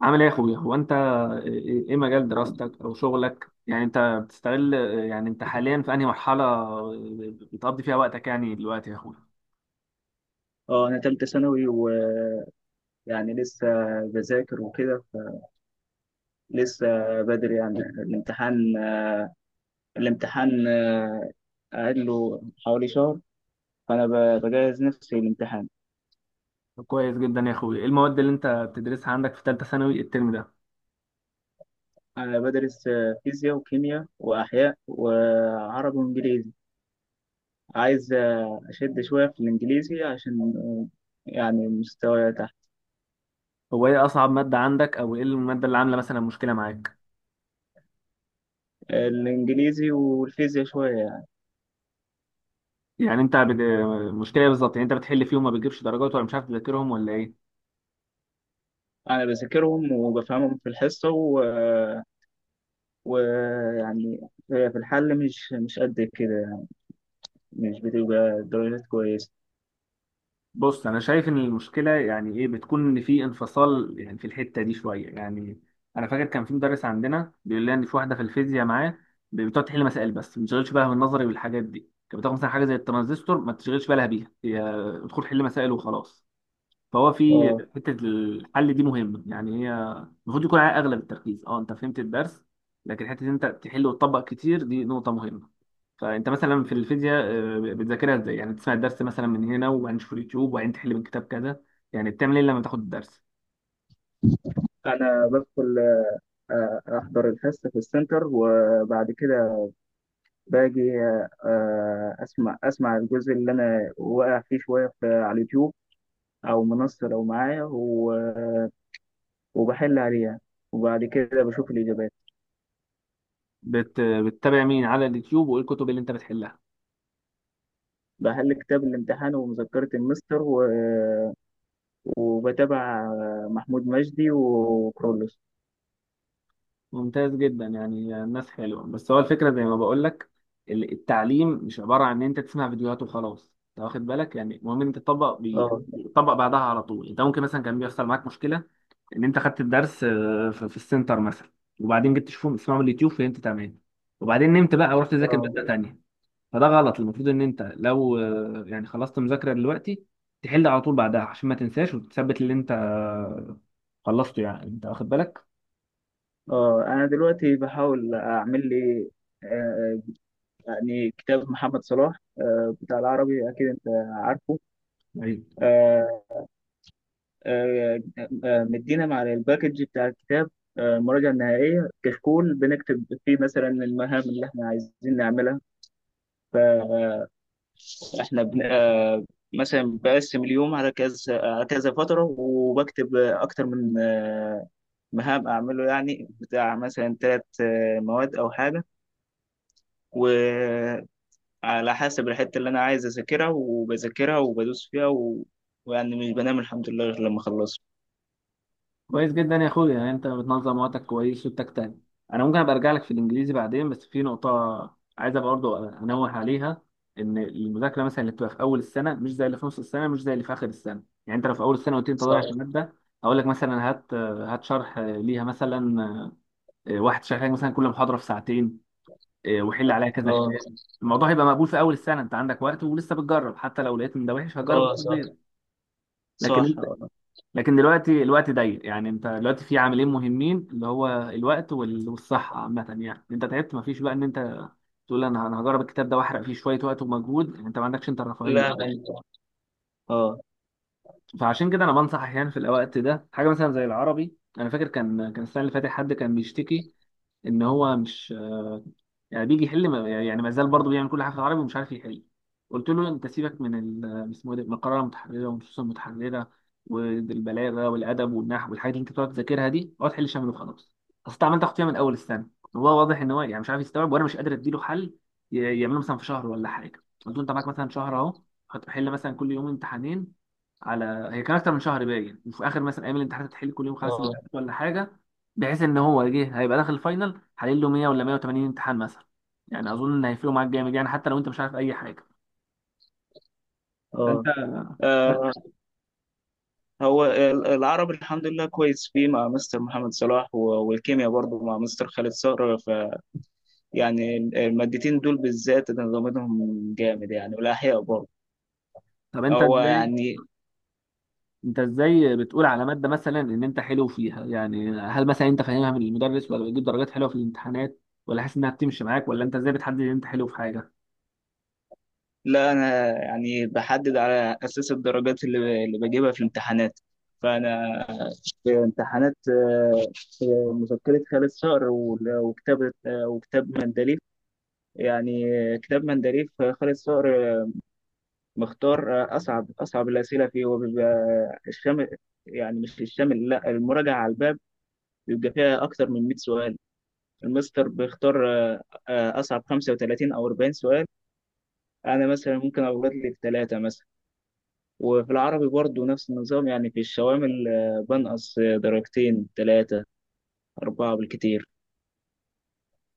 عامل ايه يا اخويا؟ هو انت ايه مجال الحمد لله. دراستك او شغلك؟ يعني انت بتستغل، يعني انت حاليا في انهي مرحله بتقضي فيها وقتك يعني دلوقتي يا اخويا؟ اه، انا تالتة ثانوي ويعني لسه بذاكر وكده، لسه بدري يعني. الامتحان قاعد له حوالي شهر، فانا بجهز نفسي للامتحان. طب كويس جدا يا اخويا. ايه المواد اللي انت بتدرسها عندك في ثالثه ثانوي الترم ده؟ انا بدرس فيزياء وكيمياء واحياء وعربي وانجليزي. عايز اشد شوية في الانجليزي عشان يعني مستواي تحت. هو ايه اصعب ماده عندك، او ايه الماده اللي عامله مثلا مشكله معاك؟ الانجليزي والفيزياء شوية يعني، يعني انت بت... مشكله إيه بالظبط؟ يعني انت بتحل فيهم ما بتجيبش درجات، ولا مش عارف تذاكرهم، ولا ايه؟ انا بذاكرهم وبفهمهم في الحصة، ويعني في الحل مش قد كده، مش بتبقى درجات كويسة. بص، انا شايف ان المشكله ايه بتكون، ان في انفصال يعني في الحته دي شويه. يعني انا فاكر كان في مدرس عندنا بيقول لنا ان في واحده في الفيزياء معاه بتقعد تحل مسائل بس ما بتشغلش بالها بالنظري والحاجات دي، كانت بتاخد مثلا حاجه زي الترانزستور ما تشغلش بالها بيها، هي ادخل حل مسائل وخلاص. فهو في اه حتة الحل دي مهمة، يعني هي المفروض يكون عليها أغلب التركيز. أه، أنت فهمت الدرس، لكن حتة إن أنت تحل وتطبق كتير دي نقطة مهمة. فأنت مثلا في الفيزياء، بتذاكرها إزاي؟ يعني تسمع الدرس مثلا من هنا وبعدين تشوف اليوتيوب وبعدين تحل من كتاب كذا، يعني بتعمل إيه لما تاخد الدرس؟ أنا بدخل، أحضر الحصة في السنتر، وبعد كده باجي، أسمع الجزء اللي أنا واقع فيه شوية على اليوتيوب، أو منصة لو معايا، وبحل عليها، وبعد كده بشوف الإجابات. بتتابع مين على اليوتيوب، وإيه الكتب اللي أنت بتحلها؟ بحل كتاب الامتحان ومذكرة المستر، وبتابع محمود مجدي وكرولوس. ممتاز جدا، يعني الناس حلوة. بس هو الفكرة زي ما بقول لك، التعليم مش عبارة عن ان انت تسمع فيديوهات وخلاص، انت واخد بالك؟ يعني المهم ان انت تطبق بايدك، اه. تطبق بعدها على طول. انت ممكن مثلا كان بيحصل معاك مشكلة، ان انت خدت الدرس في السنتر مثلا، وبعدين جبت تشوفه تسمعه من اليوتيوب فهمت تمام، وبعدين نمت بقى ورحت تذاكر اه. مادة تانية. فده غلط. المفروض ان انت لو يعني خلصت مذاكرة دلوقتي، تحل على طول بعدها عشان ما تنساش، وتثبت اللي انت خلصته. يعني انت واخد بالك؟ اه. انا دلوقتي بحاول اعمل لي، آه، يعني كتاب محمد صلاح بتاع العربي، أكيد أنت عارفه. طيب. آه، آه، مدينا مع الباكج بتاع الكتاب، المراجعة النهائية، كشكول بنكتب فيه مثلا المهام اللي احنا عايزين نعملها. فاحنا بن... آه، مثلا بقسم اليوم على كذا على كذا فترة، وبكتب أكتر من مهام أعمله، يعني بتاع مثلا ثلاث مواد أو حاجة، و على حسب الحتة اللي أنا عايز أذاكرها، وبذاكرها وبدوس فيها ويعني مش بنام الحمد لله غير لما أخلصها. كويس جدا يا اخويا، يعني انت بتنظم وقتك كويس وبتجتهد. انا ممكن ابقى ارجع لك في الانجليزي بعدين، بس في نقطه عايز ابقى برضه انوه عليها: ان المذاكره مثلا اللي بتبقى في اول السنه مش زي اللي في نص السنه، مش زي اللي في اخر السنه. يعني انت لو في اول السنه قلت لي انت صح. ضايع في الماده، اقول لك مثلا هات شرح ليها مثلا، واحد شرح لك مثلا كل محاضره في ساعتين، وحل عليها كذا اه. كتاب. الموضوع هيبقى مقبول في اول السنه، انت عندك وقت ولسه بتجرب، حتى لو لقيت ان ده وحش هجرب اه. صح. التطبيق. صح. لكن اه. لكن دلوقتي الوقت ضيق. يعني انت دلوقتي في عاملين مهمين، اللي هو الوقت والصحة عامة. يعني انت تعبت، مفيش بقى ان انت تقول انا هجرب الكتاب ده واحرق فيه شوية وقت ومجهود. يعني انت ما عندكش انت الرفاهية لا. دي. اه. فعشان كده انا بنصح احيانا في الوقت ده حاجة مثلا زي العربي. انا فاكر كان السنة اللي فاتت حد كان بيشتكي ان هو مش، يعني بيجي يحل يعني ما زال برضه بيعمل كل حاجه في العربي ومش عارف يحل. قلت له انت سيبك من ال- اسمه إيه ده من القراءه المتحرره والنصوص المتحرره والبلاغه والادب والنحو والحاجات اللي انت بتقعد تذاكرها دي، اقعد حل شامل وخلاص. اصل أنت عمال تاخد فيها من اول السنه وهو واضح ان هو يعني مش عارف يستوعب، وانا مش قادر اديله حل يعمله مثلا في شهر ولا حاجه. قلت له انت معاك مثلا شهر اهو، هتحل مثلا كل يوم امتحانين. على هي كان اكتر من شهر باين. وفي اخر مثلا ايام الامتحانات هتحل كل يوم خمس امتحانات اه. ولا حاجه، بحيث ان هو جه هيبقى داخل الفاينل حلل له 100 ولا 180 امتحان مثلا. يعني اظن ان هيفرقوا معاك جامد، يعني حتى لو انت مش عارف اي حاجه. فانت، اه. آه، هو العربي الحمد لله كويس فيه مع مستر محمد صلاح، والكيمياء برضه مع مستر خالد صقر. فيعني المادتين دول بالذات انا ضامنهم جامد يعني، والاحياء برضه. طب انت هو ازاي، يعني انت ازاي بتقول على ماده مثلا ان انت حلو فيها؟ يعني هل مثلا انت فاهمها من المدرس، ولا بتجيب درجات حلوه في الامتحانات، ولا حاسس انها بتمشي معاك، ولا انت ازاي بتحدد ان انت حلو في حاجه؟ لا، انا يعني بحدد على اساس الدرجات اللي بجيبها في الامتحانات. فانا في امتحانات، مذكرة خالد صقر وكتاب، وكتاب مندليف يعني. كتاب مندليف خالد صقر مختار اصعب الاسئله فيه، وبيبقى الشامل. يعني مش الشامل، لا المراجعه على الباب، بيبقى فيها اكتر من 100 سؤال. المستر بيختار اصعب 35 او 40 سؤال. انا مثلا ممكن اغلط لي في ثلاثه مثلا. وفي العربي برضو نفس النظام، يعني في الشوامل بنقص درجتين ثلاثة أربعة بالكتير.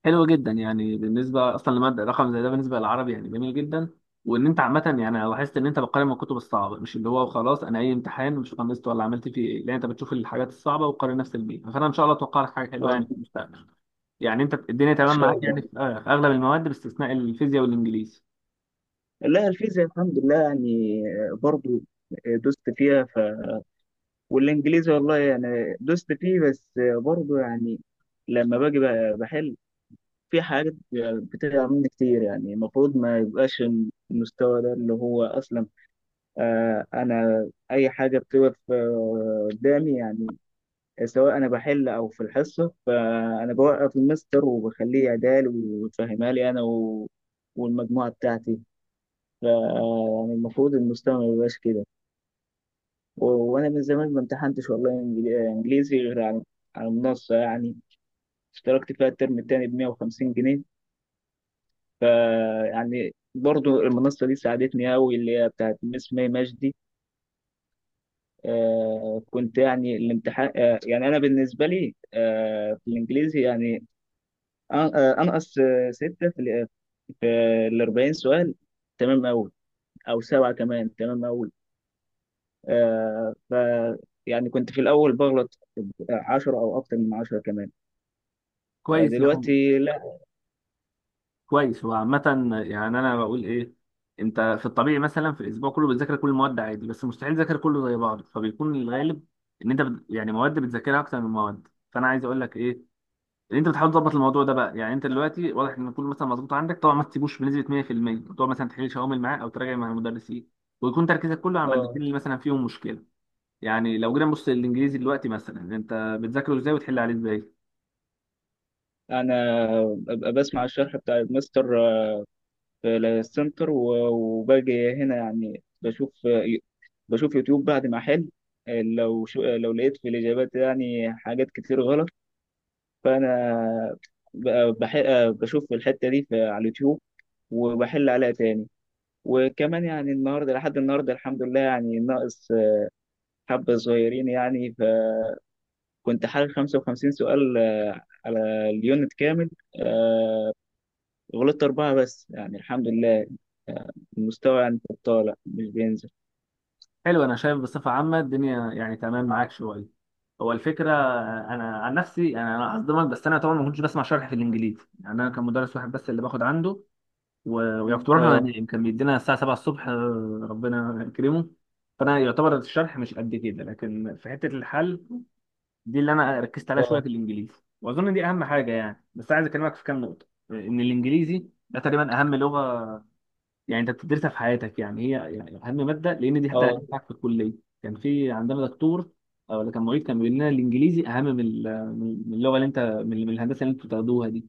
حلو جدا، يعني بالنسبه اصلا لماده رقم زي ده بالنسبه للعربي يعني جميل جدا. وان انت عامه، يعني أنا لاحظت ان انت بتقارن من الكتب الصعبه، مش اللي هو خلاص انا اي امتحان مش خلصت ولا عملت فيه ايه، لا، انت بتشوف الحاجات الصعبه وتقارن نفس البيئه. فانا ان شاء الله اتوقع لك حاجه حلوه اه، يعني إن في المستقبل. يعني انت الدنيا تمام شاء معاك، يعني الله. في في اغلب المواد باستثناء الفيزياء والانجليزي. لا، الفيزياء الحمد لله يعني، برضو دوست فيها. والإنجليزي والله يعني دوست فيه بس، برضو يعني لما باجي بحل، في حاجات بتقع مني كتير، يعني المفروض ما يبقاش المستوى ده، اللي هو أصلا أنا أي حاجة بتقف قدامي، يعني سواء انا بحل او في الحصه، فانا بوقف المستر وبخليه يعدال ويفهمها لي انا والمجموعه بتاعتي. ف يعني المفروض المستوى ما يبقاش كده. وانا من زمان ما امتحنتش والله انجليزي غير على المنصه يعني. اشتركت فيها الترم التاني ب 150 جنيه. ف يعني برضو المنصه دي ساعدتني قوي، اللي هي بتاعت مس مي مجدي. كنت يعني الامتحان، يعني انا بالنسبه لي في الانجليزي يعني، انقص ستة في ال 40 سؤال. تمام أوي. أو سبعة كمان تمام أوي. ف يعني كنت في الأول بغلط 10 أو أكتر من 10 كمان. كويس يا حمد. دلوقتي لا. كويس هو عامة. يعني انا بقول ايه، انت في الطبيعي مثلا في الاسبوع كله بتذاكر كل المواد عادي، بس مستحيل تذاكر كله زي بعض، فبيكون الغالب ان انت يعني مواد بتذاكرها اكتر من مواد. فانا عايز اقول لك ايه، ان انت بتحاول تظبط الموضوع ده بقى. يعني انت دلوقتي واضح ان كله مثلا مظبوط عندك، طبعا ما تسيبوش بنسبة 100%، تقعد مثلا تحل شوامل معاه او تراجع مع المدرسين، ويكون تركيزك كله على آه المادتين اللي مثلا فيهم مشكلة. يعني لو جينا نبص للانجليزي دلوقتي، مثلا انت بتذاكره ازاي وتحل عليه ازاي؟ أنا ببقى بسمع الشرح بتاع الماستر في السنتر، وباجي هنا يعني بشوف، بشوف يوتيوب بعد ما أحل. لو شو آه، لو لقيت في الإجابات يعني حاجات كتير غلط، فانا ب- بح... بشوف الحته دي على اليوتيوب، وبحل عليها تاني. وكمان يعني النهارده لحد النهارده الحمد لله يعني ناقص حبه صغيرين يعني، فكنت حل 55 سؤال على اليونت كامل، غلطت اربعه بس يعني الحمد لله. المستوى يعني طالع مش بينزل. حلو. انا شايف بصفه عامه الدنيا يعني تمام معاك شويه. هو الفكره، انا عن نفسي، يعني انا هصدمك، بس انا طبعا ما كنتش بسمع شرح في الانجليزي. يعني انا كان مدرس واحد بس اللي باخد عنده، ويعني كنت بروح له اه. انام، كان بيدينا الساعه 7 الصبح، ربنا يكرمه. فانا يعتبر الشرح مش قد كده، لكن في حته الحل دي اللي انا ركزت عليها اه. شويه في الانجليزي. واظن دي اهم حاجه. يعني بس عايز اكلمك في كام نقطه، ان الانجليزي ده تقريبا اهم لغه يعني انت بتدرسها في حياتك، يعني هي يعني اهم ماده، لان دي حتى اللي اه. هتنفعك في الكليه. كان في عندنا دكتور او اللي كان معيد كان بيقول لنا الانجليزي اهم من من اللغه اللي انت من الهندسه اللي انتوا بتاخدوها دي.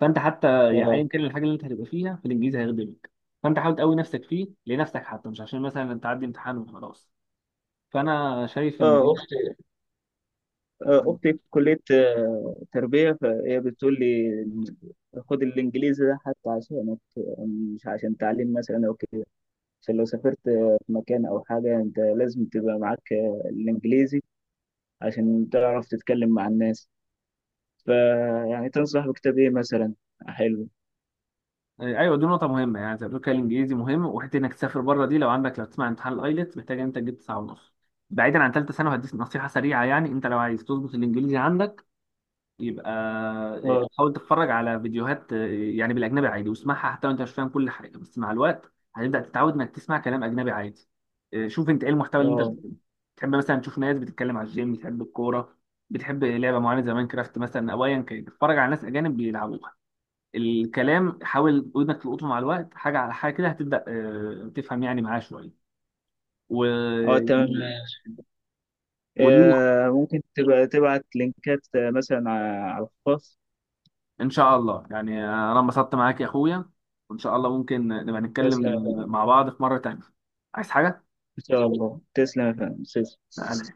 فانت حتى يعني اه. ايا كان الحاجه اللي انت هتبقى فيها، فالانجليزي هيخدمك. فانت حاول تقوي نفسك فيه لنفسك حتى، مش عشان مثلا انت تعدي امتحان وخلاص. فانا شايف ان اه. إيه؟ اختي في كليه تربيه، فهي بتقول لي خد الانجليزي ده حتى عشانك، مش عشان تعليم مثلا او كده، عشان لو سافرت في مكان او حاجه انت لازم تبقى معاك الانجليزي عشان تعرف تتكلم مع الناس. فيعني تنصح بكتاب ايه مثلا حلو؟ ايوه، دي نقطة مهمة. يعني زي ما بتقول كده، الانجليزي مهم، وحتة انك تسافر بره دي لو عندك، لو تسمع امتحان الايلتس، محتاج إن انت تجيب 9.5. بعيدا عن ثالثة ثانوي، هديك نصيحة سريعة. يعني انت لو عايز تظبط الانجليزي عندك، يبقى اه. حاول تتفرج على فيديوهات يعني بالاجنبي عادي، واسمعها حتى لو انت مش فاهم كل حاجة. بس مع الوقت هتبدأ تتعود انك تسمع كلام اجنبي عادي. شوف انت ايه المحتوى اللي انت اه. بتحبه. تحب مثلا تشوف ناس بتتكلم على الجيم، بتحب الكورة، بتحب لعبة معينة زي ماينكرافت مثلا، او ايا كان، اتفرج على ناس اجانب بيلعبوها. الكلام حاول ودنك تلقطه، مع الوقت حاجه على حاجه كده هتبدا تفهم يعني معاه شويه. و... اه. تمام. يعني- ودي ممكن تبقى تبعت لينكات مثلا على الخاص. ان شاء الله. يعني انا انبسطت معاك يا اخويا، وان شاء الله ممكن نبقى نتكلم تسلم يا فندم. مع بعض في مره تانيه. عايز حاجه؟ ان شاء الله، تسلم يا فندم، تسلم. لا،